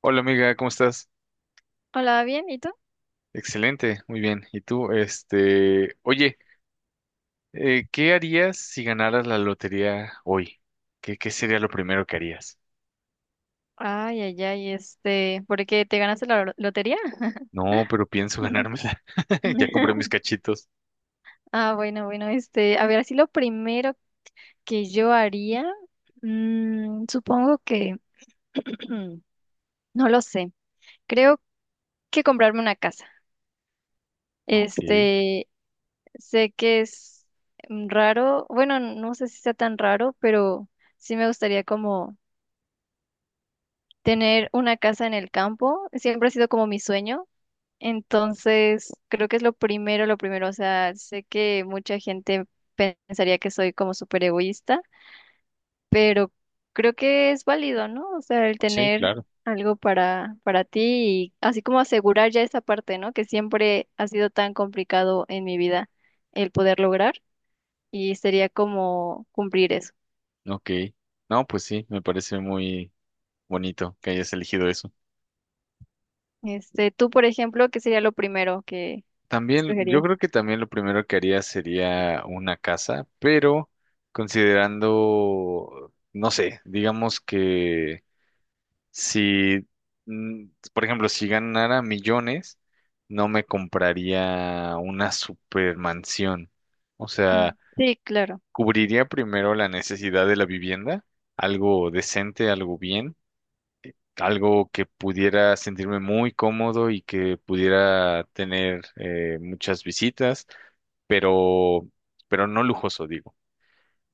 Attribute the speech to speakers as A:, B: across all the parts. A: Hola amiga, ¿cómo estás?
B: Hola, bien, ¿y tú?
A: Excelente, muy bien. ¿Y tú? Este, oye, ¿qué harías si ganaras la lotería hoy? ¿Qué sería lo primero que harías?
B: Ay, ay, ay, ¿por qué te ganaste la lotería?
A: No, pero pienso ganármela. Ya compré mis cachitos.
B: Ah, bueno, bueno, a ver, así lo primero que yo haría, supongo que, no lo sé, creo que comprarme una casa.
A: Ok,
B: Este, sé que es raro, bueno, no sé si sea tan raro, pero sí me gustaría como tener una casa en el campo, siempre ha sido como mi sueño. Entonces, creo que es lo primero, o sea, sé que mucha gente pensaría que soy como súper egoísta, pero creo que es válido, ¿no? O sea, el
A: sí,
B: tener
A: claro.
B: algo para ti y así como asegurar ya esa parte, ¿no? Que siempre ha sido tan complicado en mi vida el poder lograr y sería como cumplir eso.
A: Ok. No, pues sí, me parece muy bonito que hayas elegido eso.
B: Tú, por ejemplo, ¿qué sería lo primero que
A: También, yo
B: escogerías?
A: creo que también lo primero que haría sería una casa, pero considerando, no sé, digamos que Si, mm, por ejemplo, si ganara millones, no me compraría una supermansión. O
B: Ujú.
A: sea,
B: Sí, claro.
A: cubriría primero la necesidad de la vivienda, algo decente, algo bien, algo que pudiera sentirme muy cómodo y que pudiera tener muchas visitas, pero, pero no lujoso, digo.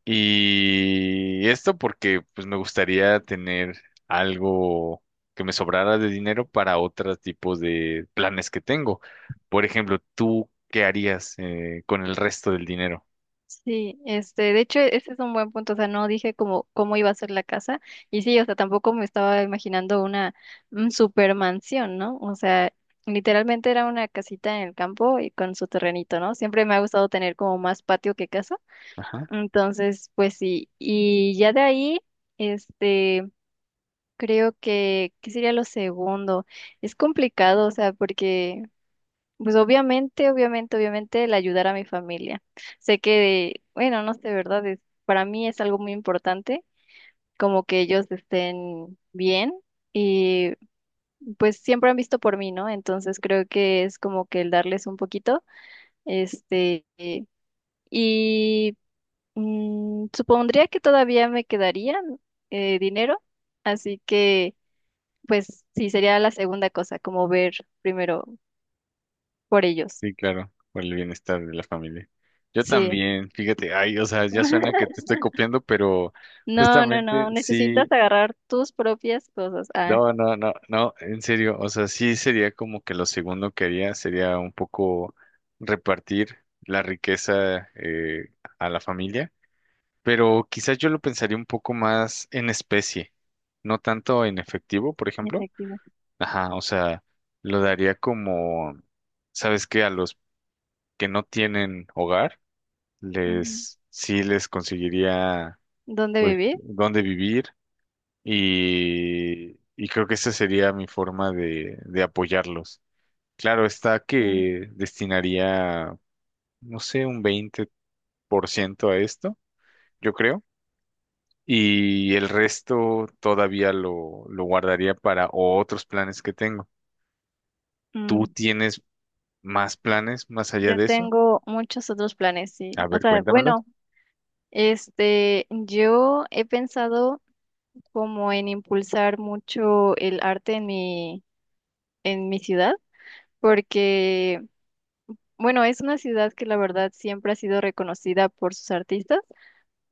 A: Y esto porque pues me gustaría tener algo que me sobrara de dinero para otros tipos de planes que tengo. Por ejemplo, ¿tú qué harías con el resto del dinero?
B: Sí, de hecho, ese es un buen punto, o sea, no dije cómo iba a ser la casa, y sí, o sea, tampoco me estaba imaginando una super mansión, ¿no? O sea, literalmente era una casita en el campo y con su terrenito, ¿no? Siempre me ha gustado tener como más patio que casa,
A: Ajá,
B: entonces, pues sí, y ya de ahí, este, creo que, ¿qué sería lo segundo? Es complicado, o sea, porque pues obviamente, obviamente, obviamente el ayudar a mi familia. Sé que, bueno, no sé, ¿verdad? Es- para mí es algo muy importante, como que ellos estén bien y pues siempre han visto por mí, ¿no? Entonces creo que es como que el darles un poquito, este, y supondría que todavía me quedarían dinero, así que pues sí, sería la segunda cosa, como ver primero por ellos.
A: sí, claro, por el bienestar de la familia. Yo
B: Sí.
A: también, fíjate, ay, o sea, ya suena que te estoy copiando, pero
B: No, no,
A: justamente
B: no, necesitas
A: sí.
B: agarrar tus propias cosas. Ah,
A: No, en serio, o sea, sí sería como que lo segundo que haría sería un poco repartir la riqueza a la familia, pero quizás yo lo pensaría un poco más en especie, no tanto en efectivo, por ejemplo.
B: efectivo.
A: Ajá, o sea, lo daría como, ¿sabes qué? A los que no tienen hogar,
B: Ujú.
A: les, sí les conseguiría,
B: ¿Dónde
A: pues,
B: vivir?
A: dónde vivir y creo que esa sería mi forma de apoyarlos. Claro, está
B: Ya.
A: que destinaría, no sé, un 20% a esto, yo creo. Y el resto todavía lo guardaría para otros planes que tengo. ¿Tú
B: Mm,
A: tienes más planes más allá
B: yo
A: de eso?
B: tengo muchos otros planes,
A: A
B: sí. O
A: ver,
B: sea,
A: cuéntamelos.
B: bueno, yo he pensado como en impulsar mucho el arte en en mi ciudad, porque, bueno, es una ciudad que la verdad siempre ha sido reconocida por sus artistas,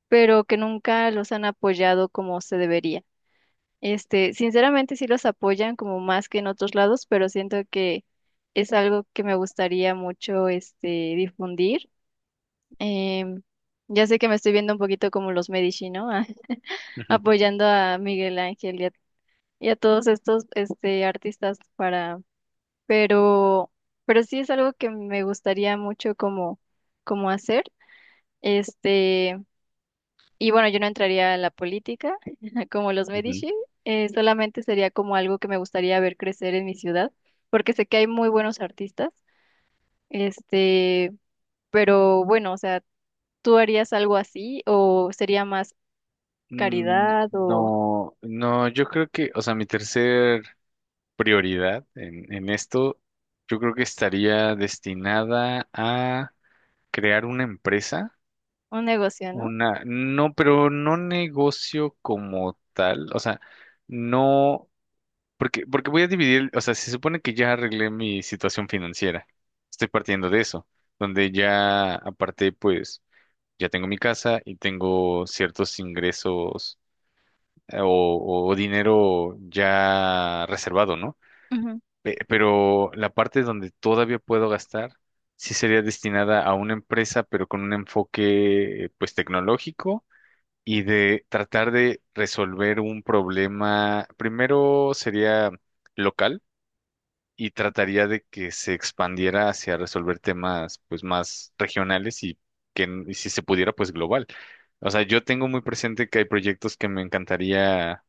B: pero que nunca los han apoyado como se debería. Sinceramente sí los apoyan como más que en otros lados, pero siento que es algo que me gustaría mucho difundir. Em, ya sé que me estoy viendo un poquito como los Medici, ¿no?
A: Ujú,
B: Apoyando a Miguel Ángel y a todos estos artistas para, pero, pero sí es algo que me gustaría mucho como hacer. Este, Y bueno, yo no entraría en la política como los
A: ujú.
B: Medici, solamente sería como algo que me gustaría ver crecer en mi ciudad, porque sé que hay muy buenos artistas, este, pero bueno, o sea, ¿tú harías algo así o sería más
A: Mm.
B: caridad o
A: No, no, yo creo que, o sea, mi tercer prioridad en esto, yo creo que estaría destinada a crear una empresa,
B: un negocio, ¿no?
A: una, no, pero no negocio como tal, o sea, no, porque voy a dividir, o sea, se supone que ya arreglé mi situación financiera, estoy partiendo de eso, donde ya aparte, pues, ya tengo mi casa y tengo ciertos ingresos o dinero ya reservado, ¿no?
B: Ujú.
A: Pero la parte donde todavía puedo gastar sí sería destinada a una empresa, pero con un enfoque pues tecnológico y de tratar de resolver un problema. Primero sería local y trataría de que se expandiera hacia resolver temas pues más regionales y y si se pudiera pues global. O sea, yo tengo muy presente que hay proyectos que me encantaría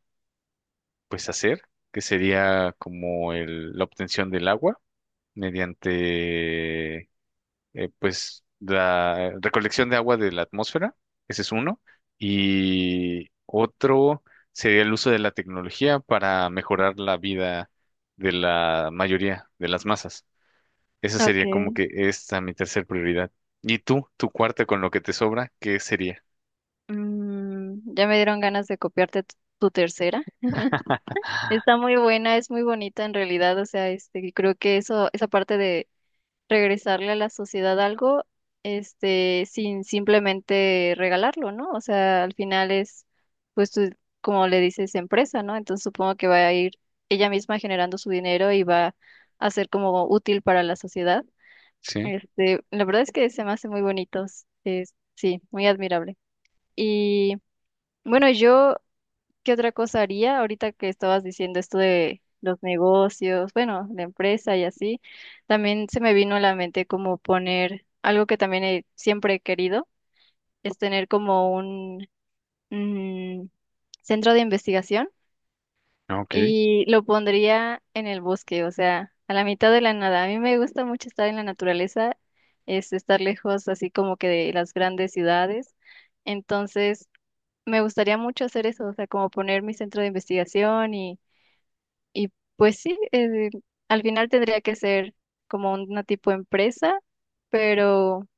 A: pues hacer, que sería como la obtención del agua mediante pues la recolección de agua de la atmósfera, ese es uno, y otro sería el uso de la tecnología para mejorar la vida de la mayoría de las masas. Esa
B: Ok,
A: sería como que esta mi tercer prioridad. ¿Y tú, tu cuarta con lo que te sobra, qué sería?
B: ya me dieron ganas de copiarte tu tercera. Está muy buena, es muy bonita en realidad, o sea, creo que eso, esa parte regresarle a la sociedad algo, sin simplemente regalarlo, ¿no? O sea, al final es, pues tú, como le dices, empresa, ¿no? Entonces supongo que va a ir ella misma generando su dinero y va a ser como útil para la sociedad.
A: Sí,
B: La verdad es que se me hace muy bonitos, es, sí, muy admirable. Y bueno, yo ¿qué otra cosa haría ahorita que estabas diciendo esto de los negocios, bueno, la empresa y así? También se me vino a la mente como poner algo que también he- siempre he querido, es tener como un mm, centro de investigación
A: ok.
B: y lo pondría en el bosque, o sea, a la mitad de la nada. A mí me gusta mucho estar en la naturaleza, es estar lejos así como que de las grandes ciudades. Entonces, me gustaría mucho hacer eso, o sea, como poner mi centro de investigación y pues sí, al final tendría que ser como una tipo empresa, pero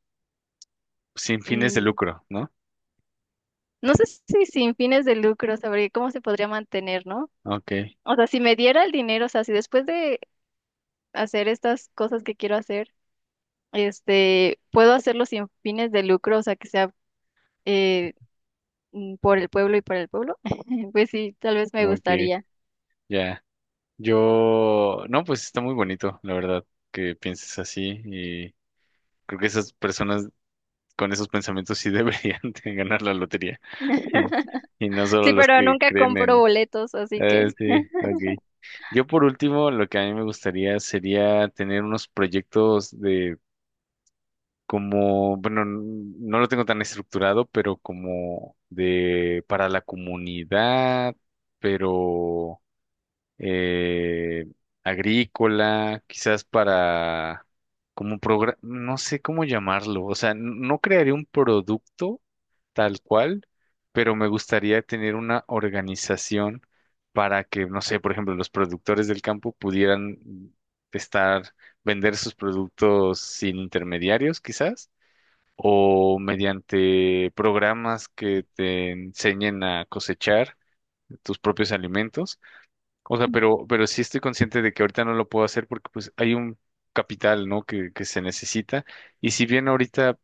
A: Sin fines de
B: mm,
A: lucro, ¿no?
B: no sé si sin fines de lucro, sabría cómo se podría mantener, ¿no?
A: Ok,
B: O sea, si me diera el dinero, o sea, si después de hacer estas cosas que quiero hacer, puedo hacerlo sin fines de lucro, o sea, que sea eh, por el pueblo y para el pueblo, pues sí, tal vez me
A: ok,
B: gustaría.
A: ya. Yo, no, pues está muy bonito, la verdad, que pienses así. Creo que esas personas con esos pensamientos sí deberían de ganar la lotería. Y, y no solo
B: Sí,
A: los
B: pero
A: que
B: nunca
A: creen
B: compro
A: en...
B: boletos, así que
A: Sí, ok. Yo por último, lo que a mí me gustaría sería tener unos proyectos de como, bueno, no lo tengo tan estructurado, pero como de para la comunidad, pero eh, agrícola, quizás para como programa, no sé cómo llamarlo, o sea, no crearía un producto tal cual, pero me gustaría tener una organización para que, no sé, por ejemplo, los productores del campo pudieran estar, vender sus productos sin intermediarios, quizás, o mediante programas que te enseñen a cosechar tus propios alimentos, o sea, pero sí estoy consciente de que ahorita no lo puedo hacer porque pues hay un capital, ¿no? Que se necesita. Y si bien ahorita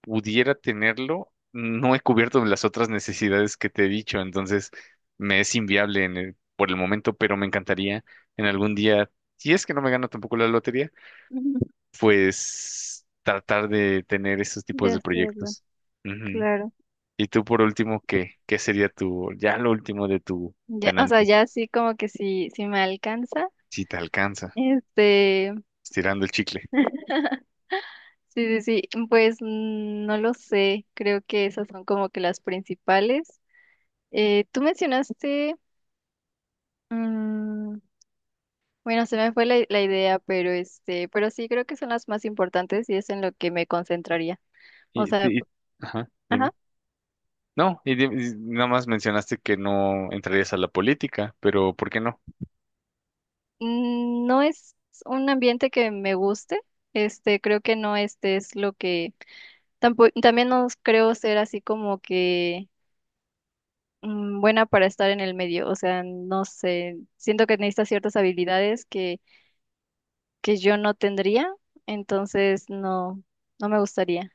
A: pudiera tenerlo, no he cubierto las otras necesidades que te he dicho, entonces me es inviable por el momento, pero me encantaría en algún día, si es que no me gano tampoco la lotería, pues tratar de tener esos tipos
B: de
A: de
B: hacerlo,
A: proyectos. Ujú.
B: claro.
A: Y tú por último, ¿qué, qué sería tu, ya lo último de tu
B: Ya, o sea,
A: ganancia,
B: ya sí como que sí, sí me alcanza.
A: si te alcanza,
B: Este,
A: estirando el chicle?
B: sí, sí, sí, pues no lo sé, creo que esas son como que las principales. Tú mencionaste, mm, bueno, se me fue la idea, pero este, pero sí creo que son las más importantes y es en lo que me concentraría. O
A: Y,
B: sea,
A: y-
B: p-
A: ajá, dime.
B: ajá,
A: No, y nada más mencionaste que no entrarías a la política, pero ¿por qué no?
B: no es un ambiente que me guste, creo que no este es lo que, tampoco, también no creo ser así como que buena para estar en el medio. O sea, no sé, siento que necesita ciertas habilidades que yo no tendría, entonces no, no me gustaría.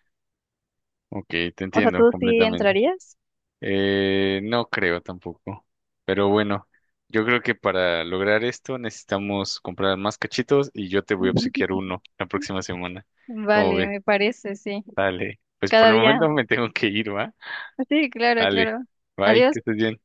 A: Ok, te
B: O sea,
A: entiendo
B: ¿tú sí
A: completamente.
B: entrarías?
A: No creo tampoco. Pero bueno, yo creo que para lograr esto necesitamos comprar más cachitos y yo te voy a obsequiar uno la próxima semana. ¿Cómo
B: Vale,
A: ves?
B: me parece, sí.
A: Dale. Pues por
B: Cada
A: el
B: día.
A: momento me tengo que ir, ¿va?
B: Sí, claro,
A: Dale.
B: claro.
A: Bye, que
B: Adiós.
A: estés bien.